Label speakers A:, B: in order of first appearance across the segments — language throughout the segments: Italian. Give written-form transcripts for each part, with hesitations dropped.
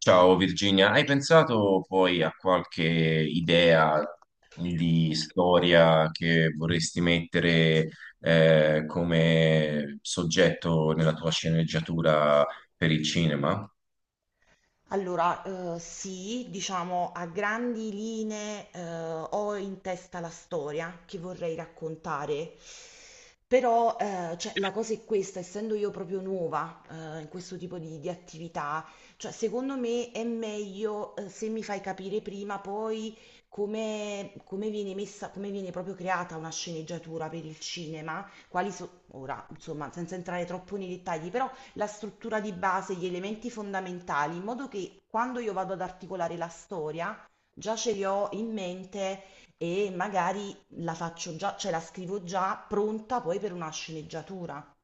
A: Ciao Virginia, hai pensato poi a qualche idea
B: Io.
A: di storia che vorresti mettere come soggetto nella tua sceneggiatura per il cinema?
B: Allora, sì, diciamo a grandi linee ho in testa la storia che vorrei raccontare, però cioè, la cosa è questa, essendo io proprio nuova in questo tipo di attività, cioè, secondo me è meglio se mi fai capire prima poi come viene messa, come viene proprio creata una sceneggiatura per il cinema, quali sono, ora, insomma, senza entrare troppo nei dettagli, però la struttura di base, gli elementi fondamentali, in modo che quando io vado ad articolare la storia, già ce li ho in mente e magari la faccio già, cioè la scrivo già pronta poi per una sceneggiatura.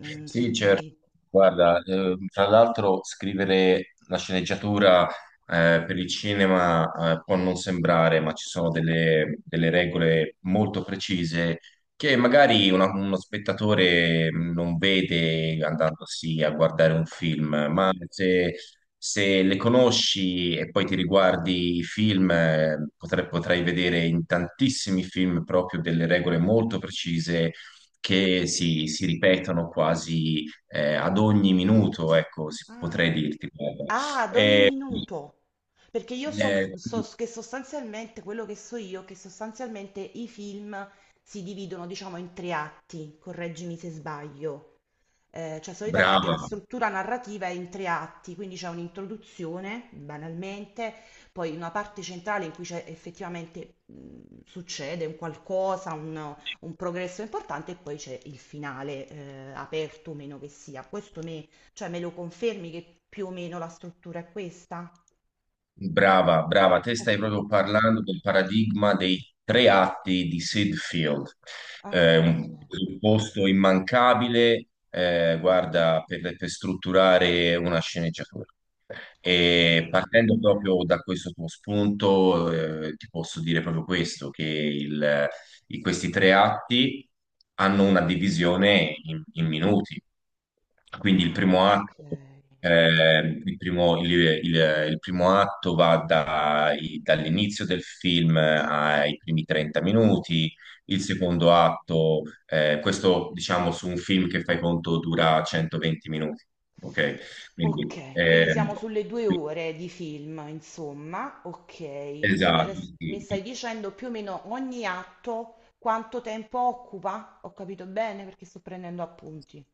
B: Mm,
A: Sì,
B: se
A: certo.
B: ti...
A: Guarda, tra l'altro scrivere la sceneggiatura per il cinema può non sembrare, ma ci sono delle regole molto precise che magari uno spettatore non vede andandosi a guardare un film, ma se le conosci e poi ti riguardi i film, potrai vedere in tantissimi film proprio delle regole molto precise che si ripetono quasi ad ogni minuto, ecco,
B: Ah,
A: potrei dirti, guarda.
B: ah, ad ogni
A: Eh,
B: minuto. Perché io so,
A: eh,
B: so che sostanzialmente, quello che so io, è che sostanzialmente i film si dividono, diciamo, in tre atti, correggimi se sbaglio. Cioè, solitamente la
A: brava,
B: struttura narrativa è in tre atti, quindi c'è un'introduzione, banalmente, poi una parte centrale in cui c'è effettivamente succede un qualcosa, un progresso importante, e poi c'è il finale, aperto o meno che sia. Questo cioè me lo confermi che più o meno la struttura è questa?
A: brava, te stai
B: Ok.
A: proprio parlando del paradigma dei tre atti di Sid Field,
B: Ah, ok,
A: un presupposto immancabile, guarda, per strutturare una sceneggiatura.
B: ok,
A: E partendo proprio da questo tuo spunto, ti posso dire proprio questo, che questi tre atti hanno una divisione in minuti. Quindi il
B: ah,
A: primo
B: ok.
A: atto, eh, il primo, il- il primo atto va dall'inizio del film ai primi 30 minuti, il secondo atto, questo diciamo su un film che fai conto dura 120 minuti, ok? Quindi,
B: Ok, quindi siamo sulle 2 ore di film, insomma. Ok, tu
A: esatto,
B: adesso mi
A: sì.
B: stai dicendo più o meno ogni atto quanto tempo occupa? Ho capito bene perché sto prendendo appunti.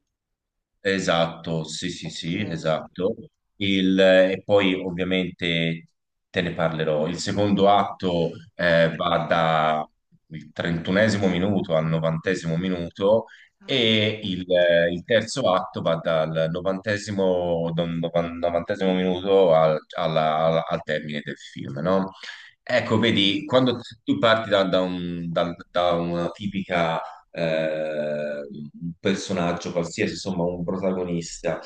A: Esatto, sì, sì,
B: Ok,
A: sì, esatto. E poi ovviamente te ne parlerò. Il secondo
B: ok.
A: atto va dal 31esimo minuto al 90esimo minuto
B: Ah.
A: e il terzo atto va dal 90esimo minuto al termine del film, no? Ecco,
B: Mm,
A: vedi, quando tu parti da una tipica un personaggio qualsiasi, insomma un protagonista.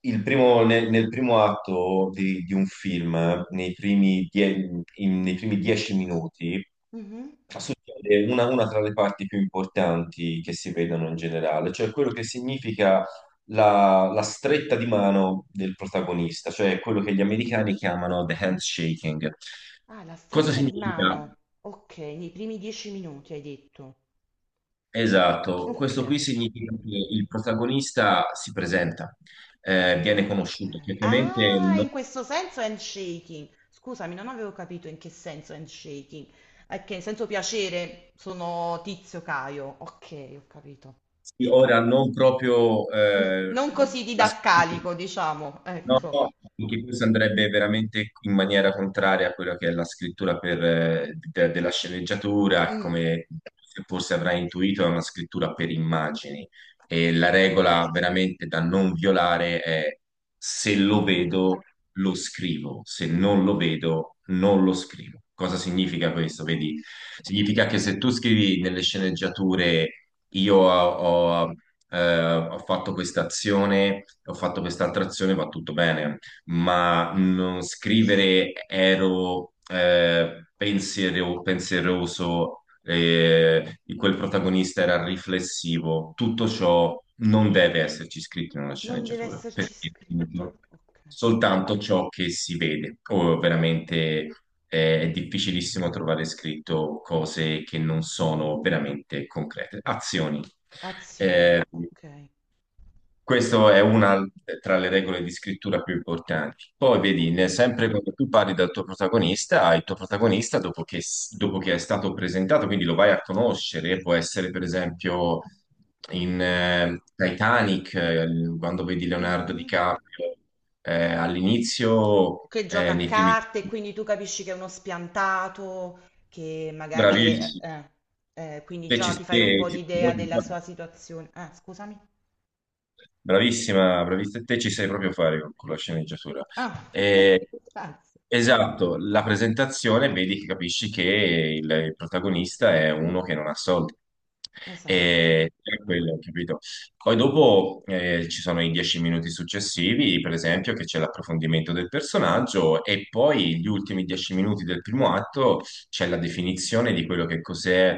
A: Nel primo atto di un film, nei primi 10 minuti
B: mhm.
A: succede una tra le parti più importanti che si vedono in generale, cioè quello che significa la stretta di mano del protagonista, cioè quello che gli americani chiamano the handshaking.
B: Ah, la
A: Cosa
B: stretta di
A: significa?
B: mano. Ok, nei primi 10 minuti hai detto.
A: Esatto,
B: Ok.
A: questo qui significa che il protagonista si presenta, viene
B: Ah,
A: conosciuto,
B: ok.
A: chiaramente
B: Ah, in questo senso handshaking. Scusami, non avevo capito in che senso handshaking. Ok, in senso piacere sono Tizio Caio. Ok, ho capito.
A: sì, ora non proprio.
B: Mm, non così
A: La
B: didascalico, diciamo.
A: No,
B: Ecco.
A: no, perché questo andrebbe veramente in maniera contraria a quello che è la scrittura per, della sceneggiatura, che
B: Mm.
A: come forse avrai intuito, è una scrittura per immagini. E la
B: Mm.
A: regola veramente da non violare è: se lo
B: Mm.
A: vedo, lo scrivo, se non lo vedo, non lo scrivo. Cosa significa questo?
B: Oh,
A: Vedi, significa che se tu scrivi nelle sceneggiature io ho, ho fatto questa azione, ho fatto quest'altra azione, va tutto bene, ma non scrivere ero pensieroso, quel protagonista era riflessivo. Tutto ciò non deve esserci scritto in una
B: non deve
A: sceneggiatura,
B: esserci
A: perché
B: scritto. Ok.
A: soltanto ciò che si vede, o veramente è difficilissimo trovare scritto cose che non sono veramente concrete, azioni. Eh,
B: Azione. Ok.
A: questa è una tra le regole di scrittura più importanti. Poi vedi, sempre
B: Mm.
A: quando tu parli dal tuo protagonista, il tuo protagonista, dopo che, dopo che è stato presentato, quindi lo vai a conoscere, può essere per esempio in Titanic, quando vedi Leonardo
B: Mm.
A: DiCaprio, all'inizio,
B: Che gioca a
A: nei primi...
B: carte e quindi tu capisci che è uno spiantato, che magari è,
A: Bravissimo.
B: quindi già ti fai un po'
A: Ci stai
B: l'idea
A: proprio
B: della
A: qua.
B: sua situazione. Ah, scusami.
A: Bravissima, bravissima, te ci sai proprio fare con la sceneggiatura.
B: Ah,
A: Eh,
B: grazie.
A: esatto, la presentazione vedi che capisci che il protagonista è uno che non ha soldi.
B: Esatto.
A: E è quello, capito? Poi dopo ci sono i 10 minuti successivi, per esempio, che c'è l'approfondimento del personaggio, e poi gli ultimi 10 minuti del primo atto c'è la definizione di quello che cos'è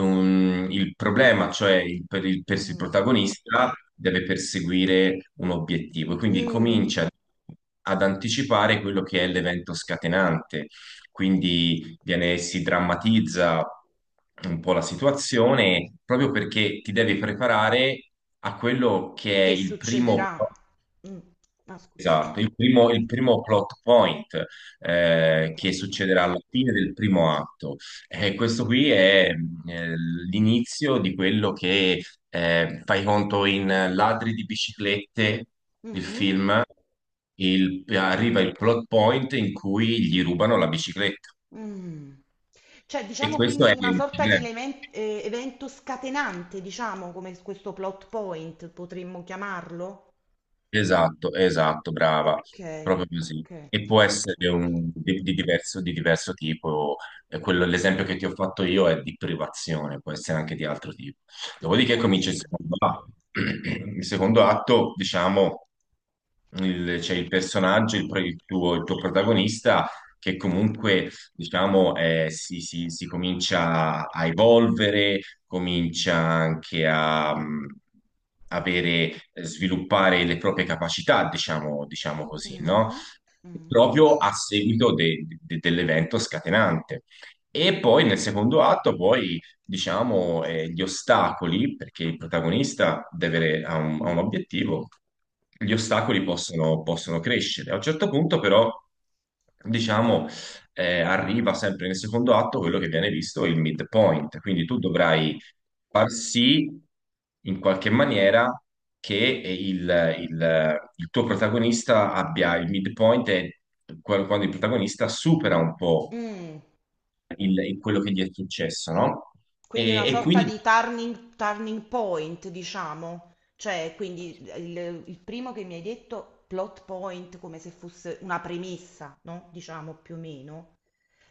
A: il problema, cioè per il
B: Mm.
A: protagonista deve perseguire un obiettivo, quindi
B: Mm.
A: comincia ad anticipare quello che è l'evento scatenante, quindi si drammatizza un po' la situazione proprio perché ti devi preparare a quello che è
B: Che
A: il primo.
B: succederà? Mm. Ah, scusa.
A: Esatto, il primo plot point
B: Plot
A: che
B: point.
A: succederà alla fine del primo atto. E questo qui è l'inizio di quello che, fai conto in Ladri di biciclette, il
B: Mm.
A: film, arriva il plot point in cui gli rubano la bicicletta.
B: Mm. Cioè,
A: E
B: diciamo
A: questo
B: quindi
A: è
B: una
A: il
B: sorta di
A: problema.
B: evento scatenante, diciamo, come questo plot point potremmo chiamarlo?
A: Esatto, esatto, brava,
B: Ok,
A: proprio così.
B: ok,
A: E può
B: plot
A: essere di diverso tipo. L'esempio che ti ho fatto io è di privazione, può essere anche di altro tipo.
B: di
A: Dopodiché comincia il
B: privazione.
A: secondo atto. Il secondo atto, diciamo, c'è il personaggio, il tuo protagonista, che comunque, diciamo, si comincia a evolvere, comincia anche a avere, sviluppare le proprie capacità, diciamo, diciamo così, no?
B: Mm, mm,
A: Proprio a seguito dell'evento scatenante. E poi nel secondo atto, poi, diciamo, gli ostacoli, perché il protagonista deve ha un obiettivo, gli ostacoli possono crescere. A un certo punto, però, diciamo, arriva sempre nel secondo atto quello che viene visto il midpoint. Quindi tu dovrai far sì in qualche maniera che il tuo protagonista abbia il midpoint, e quando il protagonista supera un po'
B: mm.
A: quello che gli è successo, no?
B: Quindi
A: E,
B: una
A: e
B: sorta
A: quindi
B: di turning point, diciamo. Cioè, quindi il, primo che mi hai detto, plot point, come se fosse una premessa, no? Diciamo più o meno.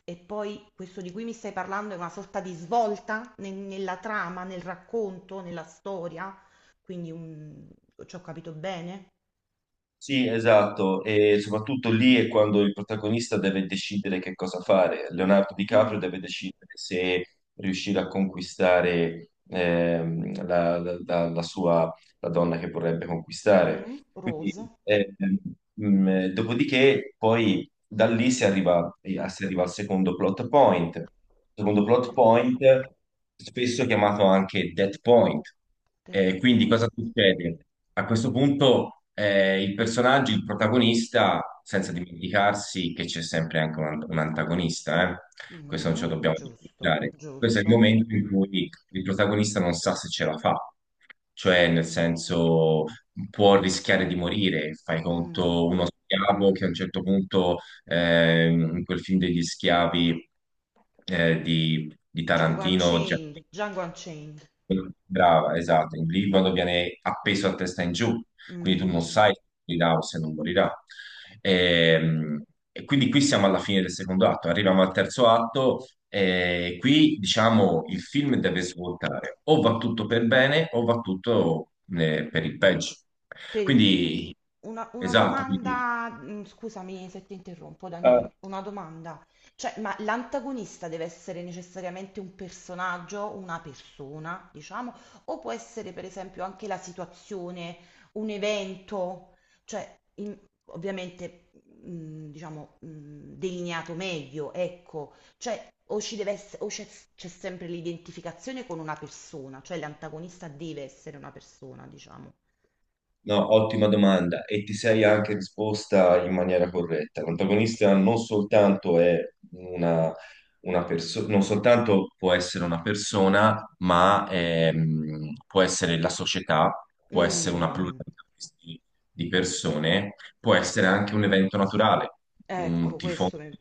B: E poi questo di cui mi stai parlando è una sorta di svolta nella trama, nel racconto, nella storia. Quindi un... Ci ho capito bene?
A: sì, esatto, e soprattutto lì è quando il protagonista deve decidere che cosa fare. Leonardo DiCaprio
B: Mm.
A: deve decidere se riuscire a conquistare la sua, la donna che vorrebbe conquistare.
B: Mh-mh.
A: Quindi,
B: Rose.
A: eh, dopodiché, poi da lì si arriva al secondo plot point. Secondo plot
B: Okay.
A: point, spesso chiamato anche dead point.
B: Dead
A: Quindi
B: point.
A: cosa succede? A questo punto il personaggio, il protagonista, senza dimenticarsi che c'è sempre anche un antagonista, eh? Questo non ce
B: Mh-mh.
A: lo dobbiamo
B: Giusto,
A: dimenticare. Questo è il
B: giusto.
A: momento in cui il protagonista non sa se ce la fa, cioè nel senso può rischiare di morire, fai conto
B: Mh.
A: uno schiavo che a un certo punto, in quel film degli schiavi di
B: Django
A: Tarantino.
B: Unchained, Django Unchained.
A: Brava, esatto. Il liquido viene appeso a testa in giù, quindi tu non
B: Mh.
A: sai se morirà o se non morirà. Ehm, E quindi qui siamo alla fine del secondo atto, arriviamo al terzo atto e qui diciamo il film deve svoltare, o va tutto per bene o va tutto per il peggio.
B: Per il
A: Quindi,
B: Una
A: esatto, quindi
B: domanda, mm, scusami se ti interrompo, Daniele, una domanda. Cioè, ma l'antagonista deve essere necessariamente un personaggio, una persona, diciamo, o può essere per esempio anche la situazione, un evento, cioè, ovviamente, mm, diciamo, mm, delineato meglio, ecco, cioè, o ci deve o c'è sempre l'identificazione con una persona, cioè l'antagonista deve essere una persona, diciamo.
A: no, ottima domanda e ti sei anche risposta in maniera corretta. L'antagonista non soltanto è una, una persona, non soltanto può essere una persona, ma può essere la società, può essere una
B: Mm.
A: pluralità di di persone, può essere anche un evento naturale, un
B: Ecco,
A: tifone,
B: questo mi-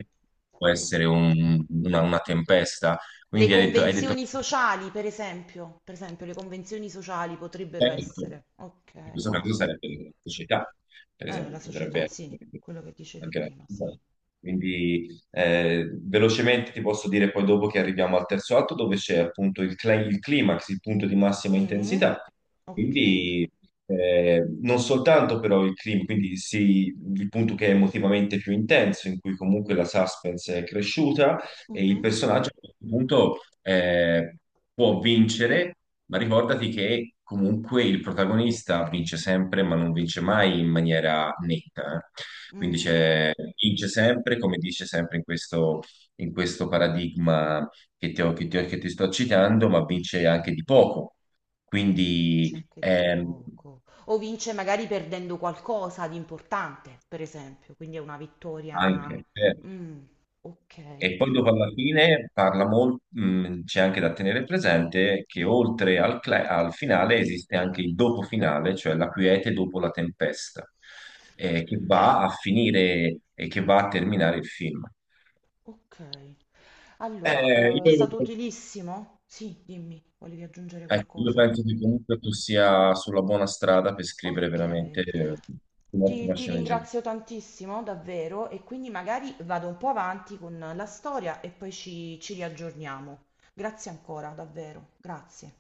A: può essere una tempesta.
B: Le
A: Quindi hai detto
B: convenzioni sociali, per esempio, le convenzioni sociali potrebbero
A: certo,
B: essere. Ok,
A: in questo
B: wow.
A: caso sarebbe l'elettricità, per
B: La
A: esempio, potrebbe
B: società, sì,
A: essere
B: quello che dicevi
A: anche
B: prima,
A: la-
B: sì.
A: quindi, velocemente ti posso dire poi dopo che arriviamo al terzo atto dove c'è appunto il climax, il punto di massima
B: Mm,
A: intensità.
B: ok.
A: Quindi non soltanto però il clima, quindi sì, il punto che è emotivamente più intenso, in cui comunque la suspense è cresciuta e il
B: Mhm.
A: personaggio a questo punto può vincere, ma ricordati che comunque il protagonista vince sempre, ma non vince mai in maniera netta, quindi
B: Mm,
A: vince sempre, come dice sempre in questo paradigma che ti sto citando, ma vince anche di poco.
B: vince
A: Quindi
B: anche di poco. O vince magari perdendo qualcosa di importante, per esempio, quindi è una vittoria.
A: anche.
B: Mm, ok,
A: E poi dopo alla fine parla c'è anche da tenere presente che oltre al, al finale esiste anche il dopo finale, cioè la quiete dopo la tempesta, che va a finire e che va a terminare il film.
B: ok. Allora,
A: Eh,
B: è
A: io,
B: stato utilissimo? Sì, dimmi, volevi aggiungere
A: ecco, io
B: qualcosa?
A: penso che comunque tu sia sulla buona strada per scrivere
B: Ok,
A: veramente
B: ti,
A: un'ottima
B: ti
A: sceneggiatura.
B: ringrazio tantissimo, davvero, e quindi magari vado un po' avanti con la storia e poi ci riaggiorniamo. Grazie ancora, davvero, grazie.